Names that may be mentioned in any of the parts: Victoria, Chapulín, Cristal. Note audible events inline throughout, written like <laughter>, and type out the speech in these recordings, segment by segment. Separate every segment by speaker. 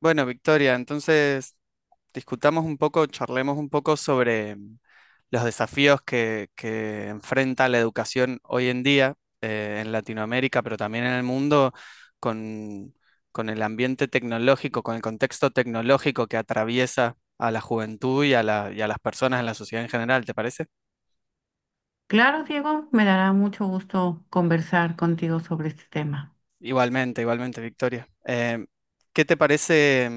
Speaker 1: Bueno, Victoria, entonces discutamos un poco, charlemos un poco sobre los desafíos que enfrenta la educación hoy en día en Latinoamérica, pero también en el mundo, con, con el ambiente tecnológico, con el contexto tecnológico que atraviesa a la juventud y a y a las personas en la sociedad en general, ¿te parece?
Speaker 2: Claro, Diego, me dará mucho gusto conversar contigo sobre este tema.
Speaker 1: Igualmente, igualmente, Victoria. ¿Qué te parece?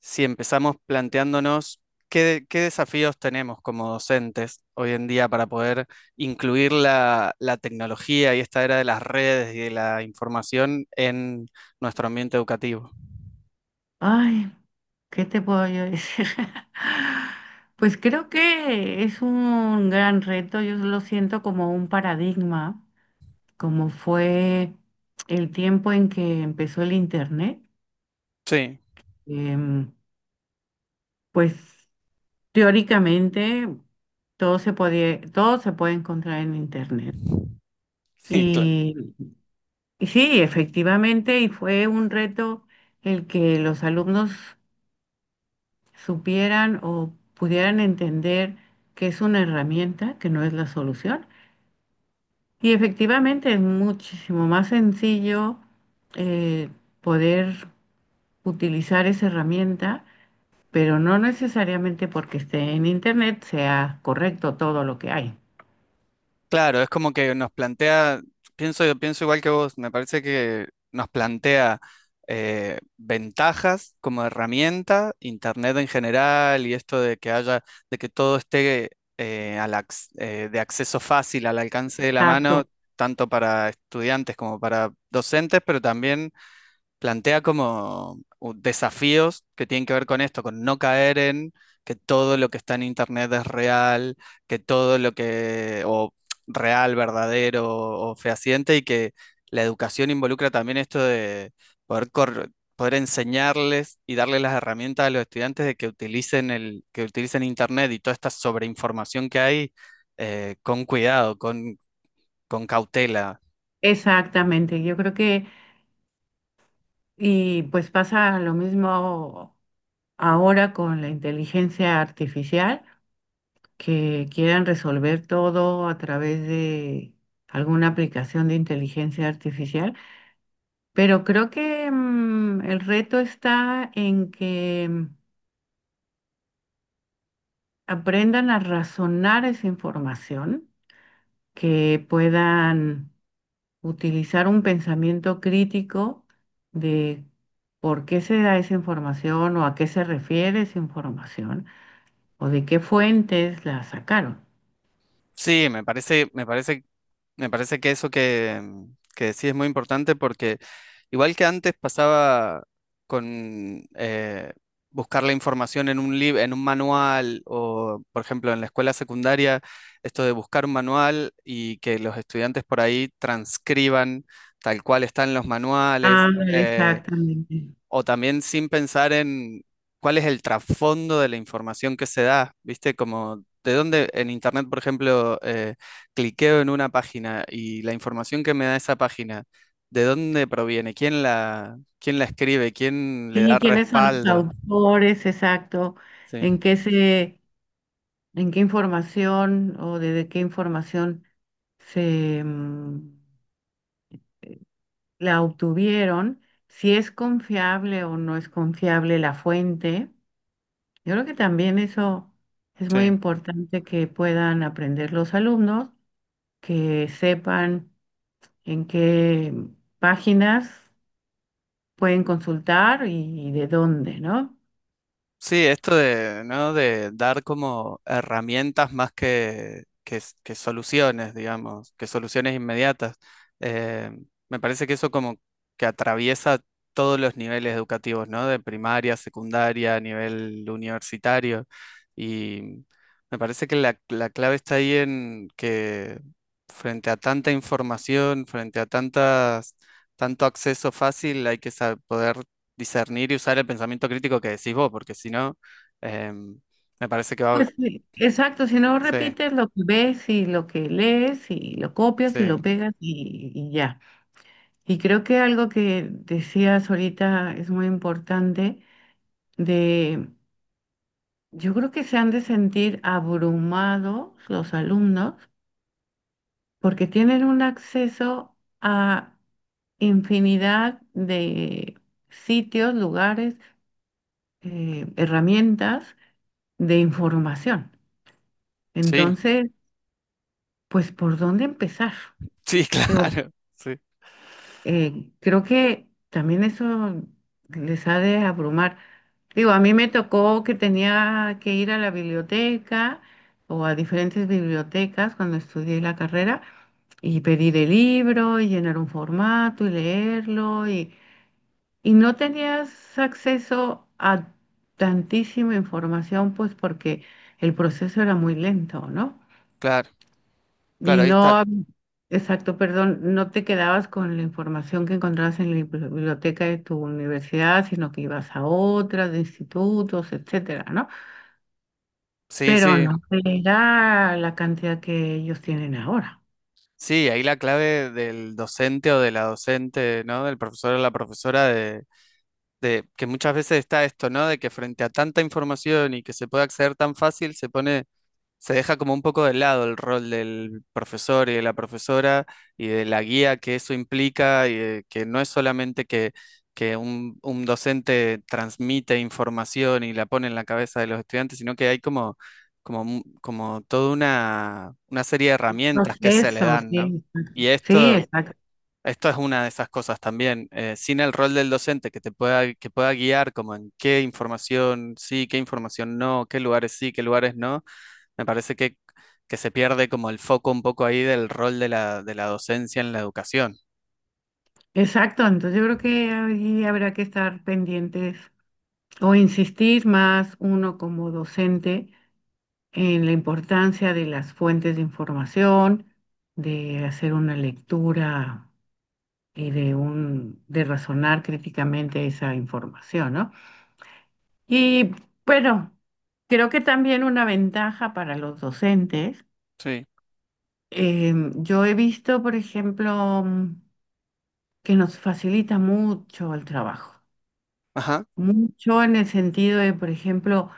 Speaker 1: Si empezamos planteándonos qué desafíos tenemos como docentes hoy en día para poder incluir la tecnología y esta era de las redes y de la información en nuestro ambiente educativo.
Speaker 2: Ay, ¿qué te puedo yo decir? <laughs> Pues creo que es un gran reto, yo lo siento como un paradigma, como fue el tiempo en que empezó el Internet.
Speaker 1: Sí,
Speaker 2: Em, pues teóricamente todo se puede encontrar en Internet.
Speaker 1: <laughs> sí, claro.
Speaker 2: Mm. Y sí, efectivamente, y fue un reto el que los alumnos supieran o pudieran entender que es una herramienta, que no es la solución. Y efectivamente es muchísimo más sencillo eh, poder utilizar esa herramienta, pero no necesariamente porque esté en internet sea correcto todo lo que hay.
Speaker 1: Claro, es como que nos plantea, pienso, pienso igual que vos, me parece que nos plantea ventajas como herramienta, internet en general y esto de que haya, de que todo esté de acceso fácil, al alcance de la mano,
Speaker 2: Exacto,
Speaker 1: tanto para estudiantes como para docentes, pero también plantea como desafíos que tienen que ver con esto, con no caer en que todo lo que está en internet es real, que todo lo que, o real, verdadero o fehaciente, y que la educación involucra también esto de poder enseñarles y darles las herramientas a los estudiantes de que utilicen que utilicen internet y toda esta sobreinformación que hay con cuidado, con cautela.
Speaker 2: exactamente. Y pues pasa lo mismo. Ahora con la inteligencia artificial, que quieran resolver todo a través de alguna aplicación de inteligencia artificial. Pero creo que el reto está en que aprendan a razonar esa información, que puedan utilizar un pensamiento crítico de por qué se da esa información o a qué se refiere esa información o de qué fuentes la sacaron.
Speaker 1: Sí, me parece que eso que, que sí es muy importante porque igual que antes pasaba con buscar la información en un en un manual o, por ejemplo, en la escuela secundaria, esto de buscar un manual y que los estudiantes por ahí transcriban tal cual están los
Speaker 2: Ah,
Speaker 1: manuales.
Speaker 2: exactamente.
Speaker 1: O también sin pensar en cuál es el trasfondo de la información que se da, ¿viste? Como de dónde en Internet, por ejemplo, cliqueo en una página y la información que me da esa página, ¿de dónde proviene? Quién la escribe? ¿Quién le da
Speaker 2: Sí, ¿quiénes son los
Speaker 1: respaldo?
Speaker 2: autores? Exacto.
Speaker 1: Sí,
Speaker 2: ¿En qué se, ¿en qué información o desde qué información se la obtuvieron? Si es confiable o no es confiable la fuente. Yo creo que también eso es muy
Speaker 1: sí.
Speaker 2: importante que puedan aprender los alumnos, que sepan en qué páginas pueden consultar y de dónde, ¿no?
Speaker 1: Sí, esto de, ¿no? De dar como herramientas más que, que soluciones, digamos, que soluciones inmediatas. Eh, Me parece que eso como que atraviesa todos los niveles educativos, ¿no? De primaria, secundaria, nivel universitario. Y me parece que la clave está ahí en que frente a tanta información, frente a tantas, tanto acceso fácil, hay que poder discernir y usar el pensamiento crítico que decís vos, porque si no, eh, me parece que va...
Speaker 2: Pues sí, exacto, si no
Speaker 1: Sí,
Speaker 2: repites lo que ves y lo que lees y lo copias y
Speaker 1: sí,
Speaker 2: lo pegas y ya. Y creo que algo que decías ahorita es muy importante de, yo creo que se han de sentir abrumados los alumnos porque tienen un acceso a infinidad de sitios, lugares, herramientas de información.
Speaker 1: sí,
Speaker 2: Entonces, pues, ¿por dónde empezar?
Speaker 1: sí, <laughs> claro, sí,
Speaker 2: Creo que también eso les ha de abrumar. Digo, a mí me tocó que tenía que ir a la biblioteca o a diferentes bibliotecas cuando estudié la carrera y pedir el libro y llenar un formato y leerlo y no tenías acceso a tantísima información pues porque el proceso era muy lento, ¿no?
Speaker 1: claro, claro,
Speaker 2: Ni
Speaker 1: ahí está.
Speaker 2: no, exacto, perdón, no te quedabas con la información que encontrabas en la biblioteca de tu universidad, sino que ibas a otras, de institutos, etcétera, ¿no?
Speaker 1: Sí,
Speaker 2: Pero
Speaker 1: sí,
Speaker 2: no era la cantidad que ellos tienen ahora.
Speaker 1: sí, ahí la clave del docente o de la docente, ¿no? Del profesor o la profesora de... De que muchas veces está esto, ¿no? De que frente a tanta información y que se puede acceder tan fácil, se pone se deja como un poco de lado el rol del profesor y de la profesora y de la guía que eso implica, y de que no es solamente que un docente transmite información y la pone en la cabeza de los estudiantes, sino que hay como, como, como toda una serie de herramientas que se le
Speaker 2: Proceso,
Speaker 1: dan,
Speaker 2: sí,
Speaker 1: ¿no?
Speaker 2: exacto.
Speaker 1: Y
Speaker 2: Sí,
Speaker 1: esto,
Speaker 2: exacto.
Speaker 1: esto es una de esas cosas también. Sin el rol del docente que te pueda, que pueda guiar como en qué información sí, qué información no, qué lugares sí, qué lugares no me parece que se pierde como el foco un poco ahí del rol de la docencia en la educación.
Speaker 2: Exacto, entonces yo creo que ahí habrá que estar pendientes o insistir más uno como docente en la importancia de las fuentes de información, de hacer una lectura de razonar críticamente esa información, ¿no? Y bueno, creo que también una ventaja para los docentes.
Speaker 1: Sí.
Speaker 2: Yo he visto, por ejemplo, que nos facilita mucho el trabajo,
Speaker 1: Ajá.
Speaker 2: mucho en el sentido de, por ejemplo,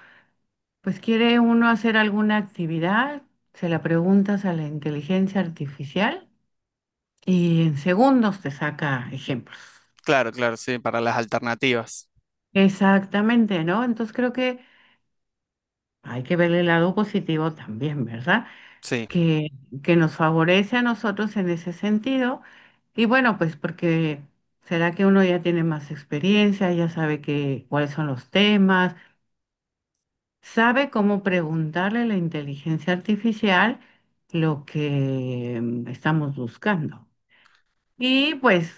Speaker 2: pues quiere uno hacer alguna actividad, se la preguntas a la inteligencia artificial y en segundos te saca ejemplos.
Speaker 1: Claro, claro, sí, para las alternativas.
Speaker 2: Exactamente, ¿no? Entonces creo que hay que ver el lado positivo también, ¿verdad?
Speaker 1: Sí,
Speaker 2: Que, que nos favorece a nosotros en ese sentido. Y bueno, pues porque será que uno ya tiene más experiencia, ya sabe que, cuáles son los temas, sabe cómo preguntarle a la inteligencia artificial lo que estamos buscando. Y pues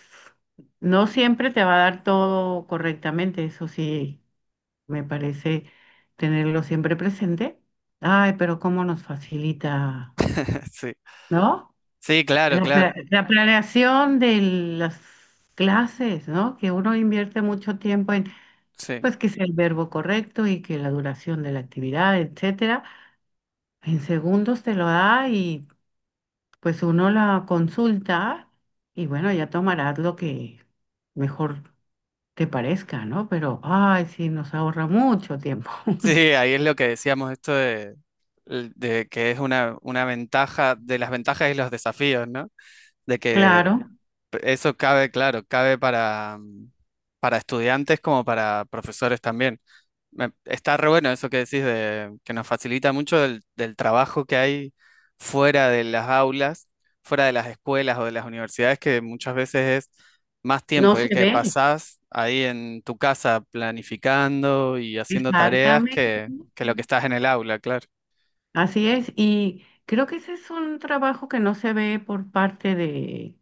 Speaker 2: no siempre te va a dar todo correctamente, eso sí, me parece tenerlo siempre presente. Ay, pero cómo nos facilita,
Speaker 1: <laughs> sí.
Speaker 2: ¿no?
Speaker 1: Sí, claro,
Speaker 2: La,
Speaker 1: claro.
Speaker 2: la planeación de las clases, ¿no? Que uno invierte mucho tiempo en,
Speaker 1: Sí.
Speaker 2: pues, que sea el verbo correcto y que la duración de la actividad, etcétera. En segundos te lo da y pues uno la consulta y bueno, ya tomarás lo que mejor te parezca, ¿no? Pero, ay, sí, nos ahorra mucho tiempo.
Speaker 1: Sí,
Speaker 2: <laughs>
Speaker 1: ahí es lo que decíamos, esto de que es una ventaja, de las ventajas y los desafíos, ¿no? De que
Speaker 2: Claro,
Speaker 1: eso cabe, claro, cabe para, para estudiantes como para profesores también. Está re bueno eso que decís de que nos facilita mucho del, del trabajo que hay fuera de las aulas, fuera de las escuelas o de las universidades, que muchas veces es más
Speaker 2: no
Speaker 1: tiempo el
Speaker 2: se
Speaker 1: que
Speaker 2: ve.
Speaker 1: pasás ahí en tu casa planificando y haciendo tareas
Speaker 2: Exactamente.
Speaker 1: que lo que estás en el aula, claro.
Speaker 2: Así es. Y creo que ese es un trabajo que no se ve por parte de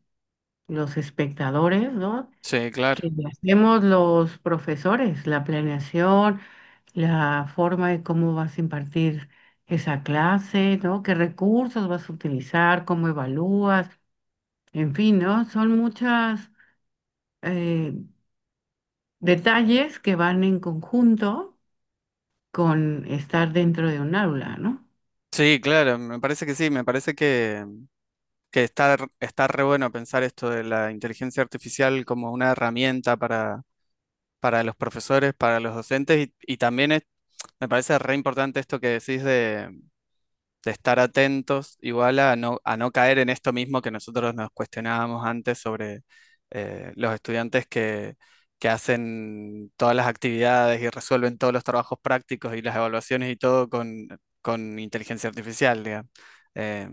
Speaker 2: los espectadores, ¿no?
Speaker 1: Sí, claro.
Speaker 2: Que hacemos los profesores, la planeación, la forma de cómo vas a impartir esa clase, ¿no? ¿Qué recursos vas a utilizar, cómo evalúas? En fin, ¿no? Son muchas eh, detalles que van en conjunto con estar dentro de un aula, ¿no?
Speaker 1: Sí, claro, me parece que sí, me parece que está, está re bueno pensar esto de la inteligencia artificial como una herramienta para los profesores, para los docentes y también es me parece re importante esto que decís de estar atentos, igual a no caer en esto mismo que nosotros nos cuestionábamos antes sobre los estudiantes que hacen todas las actividades y resuelven todos los trabajos prácticos y las evaluaciones y todo con inteligencia artificial, digamos. Eh,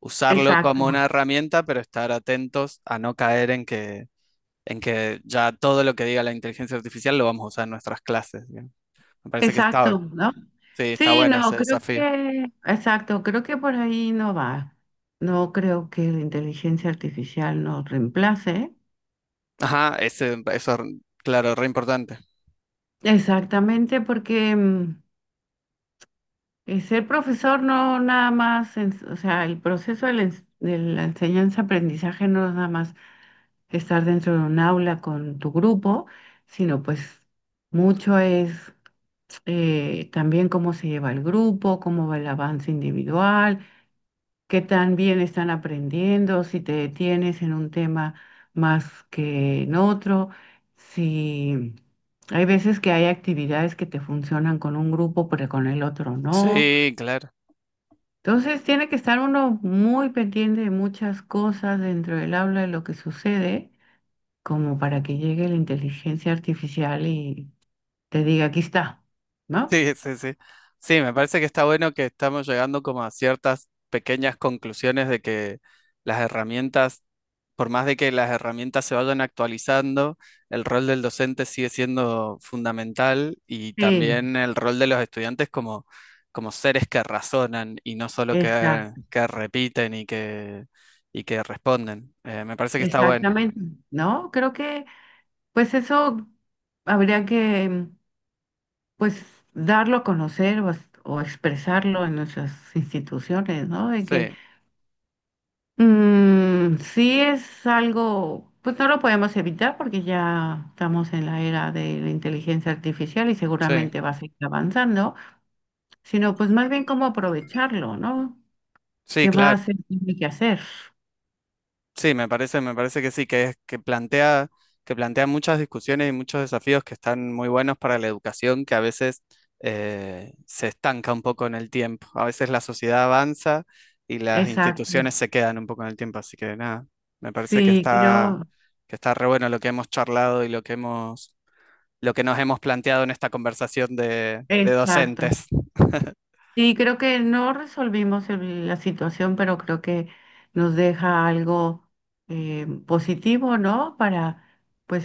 Speaker 1: Usarlo
Speaker 2: Exacto,
Speaker 1: como una herramienta, pero estar atentos a no caer en que ya todo lo que diga la inteligencia artificial lo vamos a usar en nuestras clases, digamos. Me parece que está,
Speaker 2: exacto, ¿no?
Speaker 1: sí, está
Speaker 2: Sí,
Speaker 1: bueno
Speaker 2: no,
Speaker 1: ese
Speaker 2: creo
Speaker 1: desafío.
Speaker 2: que, exacto, creo que por ahí no va. No creo que la inteligencia artificial nos reemplace.
Speaker 1: Ajá, ese, eso, claro, re importante.
Speaker 2: Exactamente, porque ser profesor no nada más, o sea, el proceso de la, de la enseñanza-aprendizaje no es nada más estar dentro de un aula con tu grupo, sino pues mucho es también cómo se lleva el grupo, cómo va el avance individual, qué tan bien están aprendiendo, si te detienes en un tema más que en otro, si hay veces que hay actividades que te funcionan con un grupo, pero con el otro no.
Speaker 1: Sí, claro. <laughs>
Speaker 2: Entonces tiene que estar uno muy pendiente de muchas cosas dentro del aula de lo que sucede, como para que llegue la inteligencia artificial y te diga, aquí está, ¿no?
Speaker 1: Sí, sí, sí. Sí, me parece que está bueno que estamos llegando como a ciertas pequeñas conclusiones de que las herramientas, por más de que las herramientas se vayan actualizando, el rol del docente sigue siendo fundamental y
Speaker 2: Sí,
Speaker 1: también el rol de los estudiantes como, como seres que razonan y no solo
Speaker 2: exacto.
Speaker 1: que repiten y que responden. Me parece que está bueno.
Speaker 2: Exactamente, ¿no? Creo que pues eso habría que pues darlo a conocer o, o expresarlo en nuestras instituciones, ¿no? De que
Speaker 1: Sí.
Speaker 2: sí es algo, pues no lo podemos evitar porque ya estamos en la era de la inteligencia artificial y
Speaker 1: Sí,
Speaker 2: seguramente va a seguir avanzando, sino pues más bien cómo aprovecharlo, ¿no?
Speaker 1: sí,
Speaker 2: ¿Qué
Speaker 1: claro.
Speaker 2: más se tiene que hacer?
Speaker 1: Sí, me parece que sí, que es, que plantea muchas discusiones y muchos desafíos que están muy buenos para la educación, que a veces se estanca un poco en el tiempo. A veces la sociedad avanza y las
Speaker 2: Exacto.
Speaker 1: instituciones se quedan un poco en el tiempo. Así que nada, me parece
Speaker 2: Sí, creo,
Speaker 1: que está re bueno lo que hemos charlado y lo que hemos, lo que nos hemos planteado en esta conversación de
Speaker 2: exacto.
Speaker 1: docentes. <laughs>
Speaker 2: Sí, creo que no resolvimos la situación, pero creo que nos deja algo positivo, ¿no? Para pues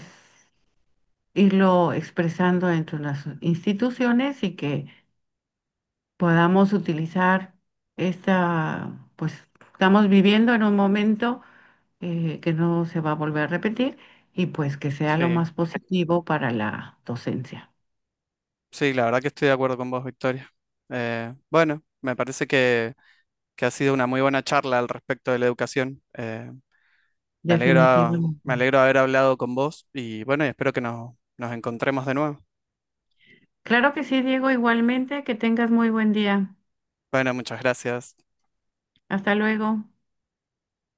Speaker 2: irlo expresando entre las instituciones y que podamos utilizar esta, pues estamos viviendo en un momento que no se va a volver a repetir y pues que sea lo
Speaker 1: Sí.
Speaker 2: más positivo para la docencia,
Speaker 1: Sí, la verdad que estoy de acuerdo con vos, Victoria. Bueno, me parece que ha sido una muy buena charla al respecto de la educación. Me alegro, me
Speaker 2: definitivamente.
Speaker 1: alegro de haber hablado con vos y bueno, y espero que nos, nos encontremos de nuevo.
Speaker 2: Claro que sí, Diego, igualmente, que tengas muy buen día.
Speaker 1: Bueno, muchas gracias.
Speaker 2: Hasta luego.